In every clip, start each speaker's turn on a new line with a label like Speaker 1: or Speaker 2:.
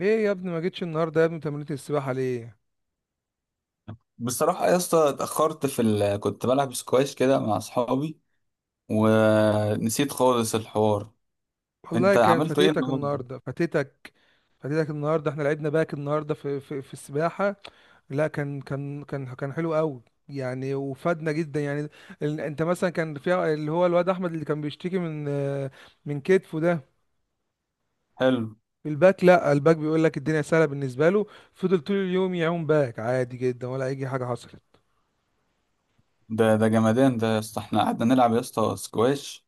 Speaker 1: ايه يا ابني؟ ما جيتش النهارده يا ابني؟ تمرينة السباحة ليه؟
Speaker 2: بصراحة يا اسطى اتأخرت في كنت بلعب سكواش كده مع أصحابي ونسيت خالص الحوار.
Speaker 1: والله
Speaker 2: أنت
Speaker 1: كان
Speaker 2: عملته إيه
Speaker 1: فاتتك
Speaker 2: النهاردة؟
Speaker 1: النهارده، فاتتك. فاتتك النهارده، احنا لعبنا باك النهارده في السباحة. لا، كان حلو قوي يعني، وفادنا جدا يعني. انت مثلا كان في اللي هو الواد احمد اللي كان بيشتكي من كتفه ده،
Speaker 2: حلو.
Speaker 1: في الباك. لا الباك بيقول لك الدنيا سهله بالنسبه له، فضل طول اليوم يعوم باك عادي جدا، ولا اي حاجه حصلت.
Speaker 2: ده جمدان ده يا اسطى، احنا قعدنا نلعب يا اسطى سكواش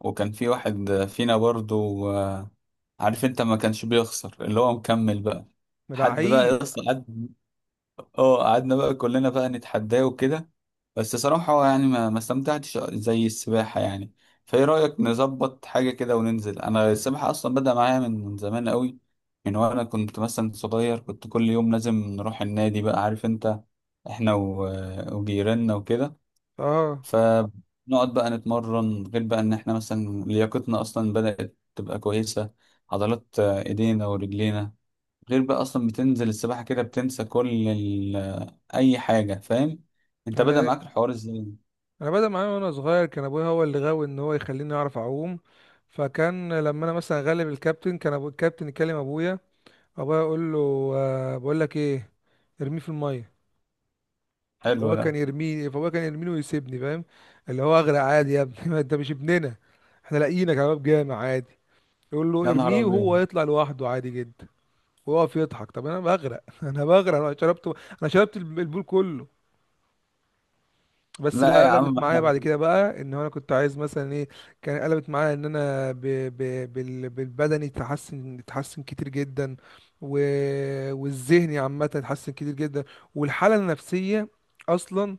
Speaker 2: وكان في واحد فينا برضو عارف أنت ما كانش بيخسر اللي هو مكمل بقى. حد بقى
Speaker 1: لعيب.
Speaker 2: يا اسطى قعد. اه، قعدنا بقى كلنا بقى نتحداه وكده. بس صراحة هو يعني ما استمتعتش زي السباحة يعني. فايه رأيك نظبط حاجة كده وننزل؟ انا السباحة اصلا بدأ معايا من زمان قوي، من وانا كنت مثلا صغير كنت كل يوم لازم نروح النادي بقى عارف انت، احنا وجيراننا وكده.
Speaker 1: اه،
Speaker 2: فنقعد بقى نتمرن، غير بقى ان احنا مثلا لياقتنا اصلا بدأت تبقى كويسة، عضلات ايدينا ورجلينا. غير بقى اصلا بتنزل السباحة كده بتنسى كل اي حاجة، فاهم. انت بدأ
Speaker 1: انا
Speaker 2: معاك الحوار ازاي؟
Speaker 1: انا بدأ معايا وانا صغير، كان ابويا هو اللي غاوي ان هو يخليني اعرف اعوم. فكان لما انا مثلا غلب الكابتن، كان ابو الكابتن يكلم ابويا، ابويا يقول له بقول لك ايه، ارميه في الميه.
Speaker 2: حلو ده.
Speaker 1: فهو كان يرميني ويسيبني، فاهم؟ اللي هو اغرق عادي يا ابني ما انت مش ابننا، احنا لاقيينك يا باب جامع عادي. يقول له
Speaker 2: يا نهار
Speaker 1: ارميه، وهو
Speaker 2: ابيض.
Speaker 1: يطلع لوحده عادي جدا ويقف يضحك. طب انا بغرق انا بغرق، انا شربت، انا شربت البول كله. بس
Speaker 2: لا
Speaker 1: لا،
Speaker 2: يا
Speaker 1: قلبت
Speaker 2: عم
Speaker 1: معايا
Speaker 2: احنا.
Speaker 1: بعد كده بقى ان هو انا كنت عايز مثلا ايه. كان قلبت معايا ان انا بالبدني اتحسن كتير جدا، و... والذهني عامه اتحسن كتير جدا، والحاله النفسيه اصلا.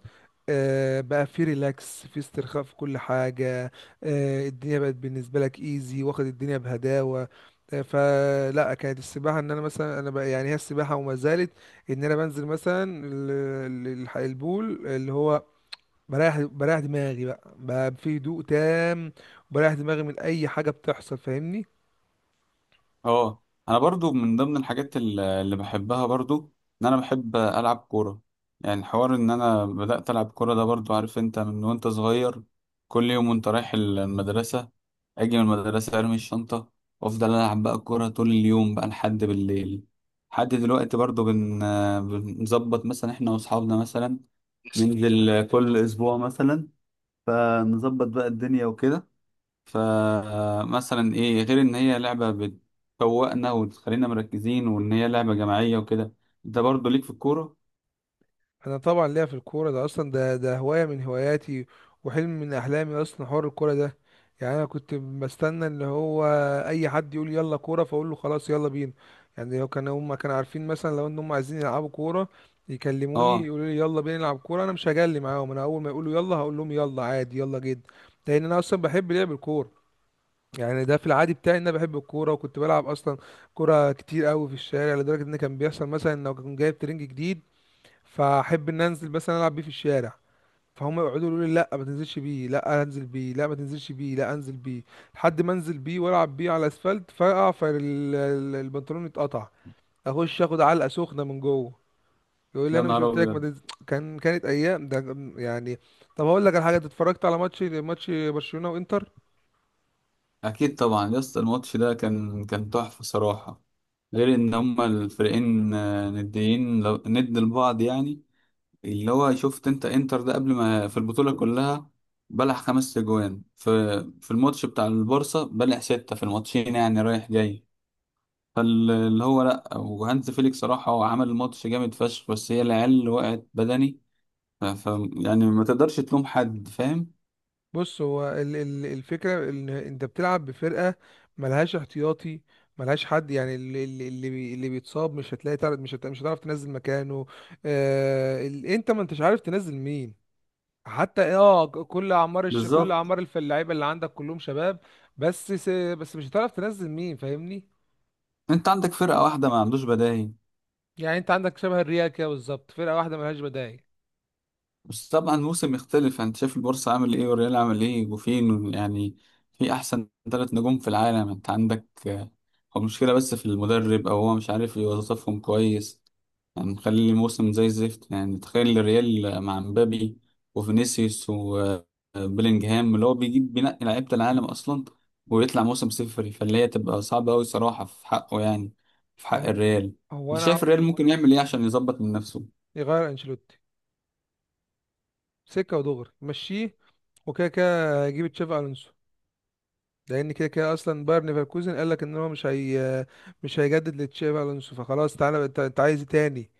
Speaker 1: بقى في ريلاكس، في استرخاء، في كل حاجه. الدنيا بقت بالنسبه لك ايزي، واخد الدنيا بهداوه. فلا، كانت السباحه ان انا مثلا انا بقى يعني، هي السباحه وما زالت ان انا بنزل مثلا البول اللي هو بريح دماغي، بقى في هدوء تام، وبريح دماغي من اي حاجه بتحصل، فاهمني؟
Speaker 2: اه، انا برضو من ضمن الحاجات اللي بحبها برضو ان انا بحب العب كوره. يعني حوار ان انا بدات العب كوره ده برضو عارف انت من وانت صغير، كل يوم وانت رايح المدرسه اجي من المدرسه ارمي الشنطه وافضل العب بقى كوره طول اليوم بقى لحد بالليل. لحد دلوقتي برضو بنظبط مثلا احنا واصحابنا مثلا ننزل كل اسبوع مثلا، فنظبط بقى الدنيا وكده. فمثلا ايه؟ غير ان هي لعبة بتفوقنا وتخلينا مركزين وان هي لعبة جماعية وكده. انت برضه ليك في الكورة؟
Speaker 1: انا طبعا ليا في الكوره، ده اصلا ده هوايه من هواياتي، وحلم من احلامي اصلا، حوار الكوره ده. يعني انا كنت بستنى اللي هو اي حد يقول يلا كوره، فاقول له خلاص يلا بينا. يعني لو كانوا هم كانوا عارفين مثلا لو ان هم عايزين يلعبوا كوره
Speaker 2: اه.
Speaker 1: يكلموني يقولوا لي يلا بينا نلعب كوره، انا مش هجلي معاهم. انا اول ما يقولوا يلا هقول لهم يلا عادي يلا جدا، لان انا اصلا بحب لعب الكوره. يعني ده في العادي بتاعي ان انا بحب الكوره، وكنت بلعب اصلا كوره كتير قوي في الشارع، لدرجه ان كان بيحصل مثلا ان لو كان جايب ترنج جديد، فاحب ان انزل مثلا العب بيه في الشارع. فهم يقعدوا يقولوا لي لا ما تنزلش بيه، لا انزل بيه، لا ما تنزلش بيه، لا انزل بيه، لحد ما انزل بيه والعب بيه على الاسفلت، فاقع، فالبنطلون يتقطع، اخش اخد علقه سخنه من جوه. يقول لي
Speaker 2: يا
Speaker 1: انا مش
Speaker 2: نهار
Speaker 1: قلت لك ما
Speaker 2: ابيض.
Speaker 1: تنزل؟ كانت ايام ده يعني. طب هقول لك على حاجه، أنت اتفرجت على ماتش برشلونه وانتر؟
Speaker 2: اكيد طبعا يا اسطى، الماتش ده كان تحفة صراحة، غير ان هما الفريقين نديين، ند لبعض يعني. اللي هو شفت انت انتر ده قبل، ما في البطولة كلها بلع 5 اجوان، في الماتش بتاع البارسا بلع 6 في الماتشين يعني رايح جاي. فاللي هو لا، وهانز فيليك صراحة هو عمل الماتش جامد فشخ، بس هي العيال اللي وقعت بدني. يعني ما تقدرش تلوم حد، فاهم.
Speaker 1: بص، هو الفكرة ان انت بتلعب بفرقة ملهاش احتياطي، ملهاش حد. يعني اللي بيتصاب، مش هتلاقي تعرف، مش هتعرف تنزل مكانه. انت ما انتش عارف تنزل مين. حتى إيه، اه ك- كل اعمار الش...
Speaker 2: بالظبط.
Speaker 1: اللعيبه اللي عندك كلهم شباب. بس س... بس مش هتعرف تنزل مين، فاهمني؟
Speaker 2: انت عندك فرقة واحدة ما عندوش بدايل.
Speaker 1: يعني انت عندك شبه الريال كده بالظبط، فرقة واحدة ملهاش بدايل.
Speaker 2: بس طبعا الموسم يختلف، انت شايف البورصة عامل ايه والريال عامل ايه وفين يعني. في احسن 3 نجوم في العالم انت عندك. هو المشكلة بس في المدرب او هو مش عارف يوظفهم كويس، هنخلي الموسم زي الزفت. يعني تخيل الريال مع مبابي وفينيسيوس وبيلينجهام اللي هو بيجيب بينقي لعيبة العالم أصلا ويطلع موسم صفري، فاللي هي تبقى صعبة أوي صراحة في حقه يعني، في حق
Speaker 1: اهو.
Speaker 2: الريال.
Speaker 1: هو
Speaker 2: أنت
Speaker 1: انا،
Speaker 2: شايف الريال ممكن يعمل إيه عشان يظبط من نفسه؟
Speaker 1: يغير انشيلوتي، سكة ودغري مشيه، وكده كده هيجيب تشافي الونسو. لان كده كده اصلا باير ليفركوزن قال لك ان هو مش هيجدد لتشابي الونسو. فخلاص، انت عايز ايه تاني؟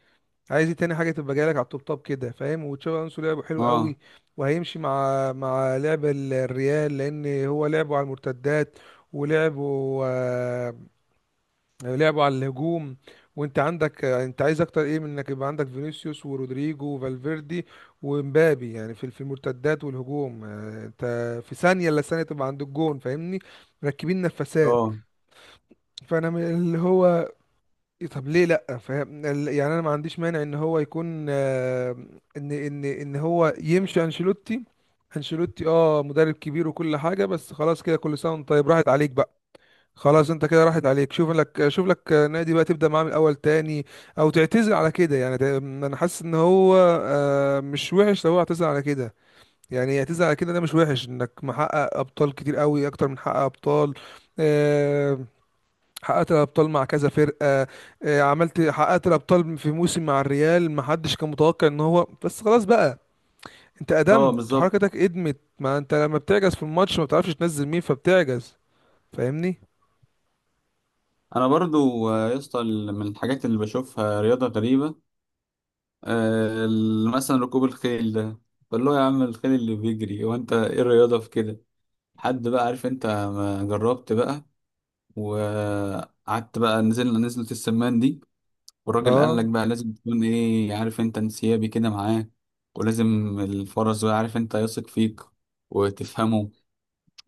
Speaker 1: عايز ايه تاني حاجه تبقى جايه لك على التوب توب كده، فاهم؟ وتشابي الونسو لعبه حلو
Speaker 2: أه.
Speaker 1: قوي، وهيمشي مع لعب الريال، لان هو لعبه على المرتدات ولعبه آه، لعبوا على الهجوم. وانت عندك، انت عايز اكتر ايه من انك يبقى عندك فينيسيوس ورودريجو وفالفيردي ومبابي؟ يعني في المرتدات والهجوم، انت في ثانيه الا ثانيه تبقى عند الجون، فاهمني؟ مركبين نفسات.
Speaker 2: أه.
Speaker 1: فانا من اللي هو طب ليه لا؟ فاهم، يعني انا ما عنديش مانع ان هو يكون ان هو يمشي انشيلوتي. انشيلوتي اه مدرب كبير وكل حاجه، بس خلاص كده، كل سنه وانت طيب، راحت عليك بقى. خلاص انت كده راحت عليك، شوف لك نادي بقى تبدا معاه من الاول تاني، او تعتزل على كده يعني. انا حاسس ان هو مش وحش لو هو اعتزل على كده. يعني يعتزل على كده ده مش وحش، انك محقق ابطال كتير قوي، اكتر من حقق ابطال. آه، حققت الابطال مع كذا فرقه، حققت الابطال في موسم مع الريال ما حدش كان متوقع ان هو. بس خلاص بقى، انت
Speaker 2: أه،
Speaker 1: قدمت
Speaker 2: بالظبط.
Speaker 1: وحركتك قدمت. ما انت لما بتعجز في الماتش ما بتعرفش تنزل مين، فبتعجز، فاهمني؟
Speaker 2: أنا برضو يا اسطى من الحاجات اللي بشوفها رياضة غريبة، مثلا ركوب الخيل ده. فاللي هو يا عم الخيل اللي بيجري، وأنت إيه الرياضة في كده؟ حد بقى عارف انت، ما جربت بقى وقعدت بقى، نزلنا نزلة السمان دي والراجل قال
Speaker 1: اه.
Speaker 2: لك بقى لازم تكون ايه عارف انت، انسيابي كده معاه، ولازم الفرس بقى عارف انت يثق فيك وتفهمه.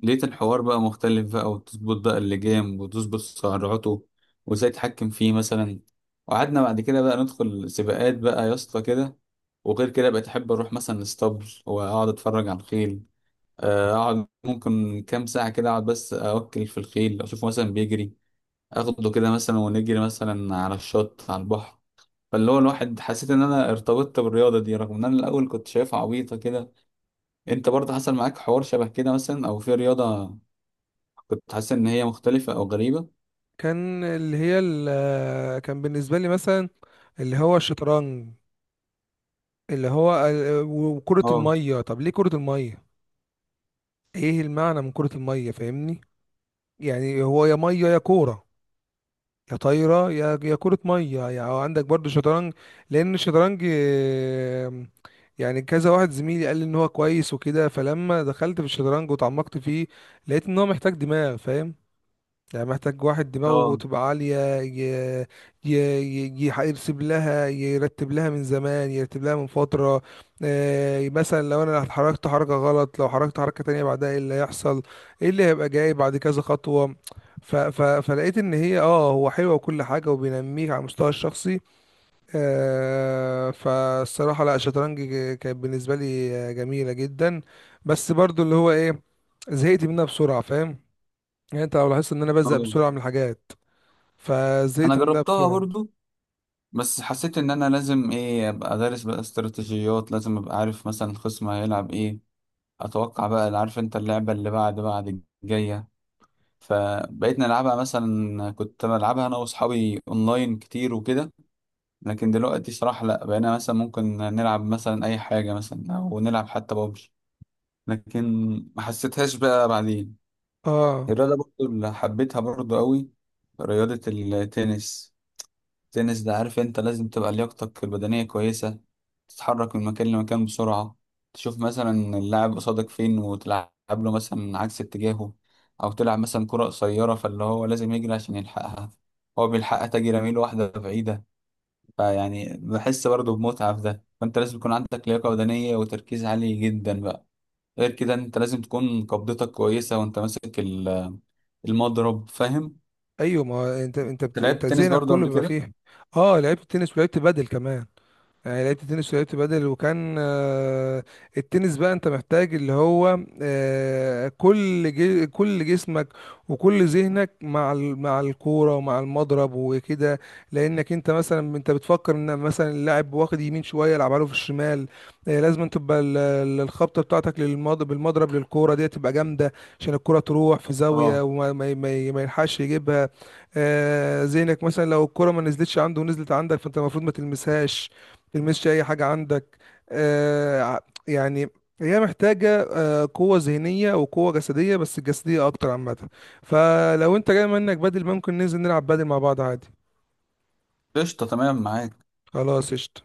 Speaker 2: لقيت الحوار بقى مختلف بقى، وتظبط بقى اللجام وتظبط سرعته وازاي تتحكم فيه مثلا. وقعدنا بعد كده بقى ندخل سباقات بقى يا اسطى كده. وغير كده بقيت احب اروح مثلا الاسطبل واقعد اتفرج على الخيل. اقعد ممكن كام ساعة كده، اقعد بس اوكل في الخيل، اشوفه مثلا بيجري، اخده كده مثلا ونجري مثلا على الشط على البحر. فاللي هو الواحد حسيت ان انا ارتبطت بالرياضة دي رغم ان انا الاول كنت شايفها عبيطة كده. انت برضه حصل معاك حوار شبه كده مثلا، او في رياضة كنت حاسس ان هي مختلفة او غريبة؟
Speaker 1: كان اللي هي كان بالنسبة لي مثلا اللي هو الشطرنج، اللي هو وكرة
Speaker 2: اه.
Speaker 1: المية. طب ليه كرة المية؟ ايه المعنى من كرة المية؟ فاهمني؟ يعني هو يا مية يا كورة، يا طايرة، يا كرة مية يعني. عندك برضو شطرنج. لأن الشطرنج يعني كذا واحد زميلي قال لي ان هو كويس وكده. فلما دخلت في الشطرنج وتعمقت فيه، لقيت ان هو محتاج دماغ، فاهم؟ يعني محتاج واحد دماغه
Speaker 2: اه.
Speaker 1: تبقى عالية، ي... ي... ي... يح- يرسم لها يرتب لها من زمان، يرتب لها من فترة. مثلا لو انا اتحركت حركة غلط، لو حركت حركة تانية بعدها ايه اللي هيحصل، ايه اللي هيبقى جاي بعد كذا خطوة. فلقيت ان هي اه هو حلوة وكل حاجة، وبينميك على المستوى الشخصي. فالصراحة لا، الشطرنج كانت بالنسبة لي جميلة جدا، بس برضو اللي هو ايه، زهقت منها بسرعة، فاهم؟ يعني انت لو لاحظت ان انا بزهق
Speaker 2: اه،
Speaker 1: بسرعة من الحاجات،
Speaker 2: انا
Speaker 1: فزهقت منها
Speaker 2: جربتها
Speaker 1: بسرعه.
Speaker 2: برضه بس حسيت ان انا لازم ايه ابقى دارس بقى استراتيجيات، لازم ابقى عارف مثلا الخصم هيلعب ايه، اتوقع بقى عارف انت اللعبة اللي بعد الجاية. فبقيت نلعبها مثلا، كنت بلعبها انا واصحابي اونلاين كتير وكده. لكن دلوقتي صراحة لا، بقينا مثلا ممكن نلعب مثلا اي حاجة مثلا، او نلعب حتى بابجي. لكن ما حسيتهاش بقى بعدين.
Speaker 1: اه
Speaker 2: الرياضة برضو اللي حبيتها برضو قوي، رياضة التنس. التنس ده عارف انت لازم تبقى لياقتك البدنية كويسة، تتحرك من مكان لمكان بسرعة، تشوف مثلا اللاعب قصادك فين وتلعب له مثلا عكس اتجاهه، او تلعب مثلا كرة قصيرة فاللي هو لازم يجري عشان يلحقها. هو بيلحقها تجي رميل واحدة بعيدة. فيعني بحس برضه بمتعة في ده. فانت لازم يكون عندك لياقة بدنية وتركيز عالي جدا بقى، غير كده انت لازم تكون قبضتك كويسة وانت ماسك المضرب، فاهم؟
Speaker 1: ايوه، ما هو
Speaker 2: أنت
Speaker 1: انت
Speaker 2: لعبت تنس
Speaker 1: ذهنك
Speaker 2: برضه
Speaker 1: كله
Speaker 2: قبل
Speaker 1: بيبقى
Speaker 2: كده؟
Speaker 1: فيها. اه لعبت تنس ولعبت بدل كمان. يعني لعبت تنس ولعبت بدل، وكان التنس بقى انت محتاج اللي هو كل جسمك وكل ذهنك مع مع الكوره ومع المضرب وكده. لانك انت مثلا بتفكر ان مثلا اللاعب واخد يمين شويه، يلعبها له في الشمال. لازم تبقى الخبطه بتاعتك بالمضرب للكوره دي تبقى جامده، عشان الكوره تروح في زاويه
Speaker 2: اه،
Speaker 1: وما ما ما- ما يلحقش يجيبها. ذهنك مثلا لو الكوره ما نزلتش عنده ونزلت عندك، فانت المفروض ما تلمسهاش، تلمسش اي حاجه عندك. آه ع- يعني هي محتاجه قوه ذهنيه وقوه جسديه، بس الجسديه اكتر عامه. فلو انت جاي منك بدل، ممكن ننزل نلعب بدل مع بعض عادي.
Speaker 2: قشطة، تمام معاك.
Speaker 1: خلاص، قشطة.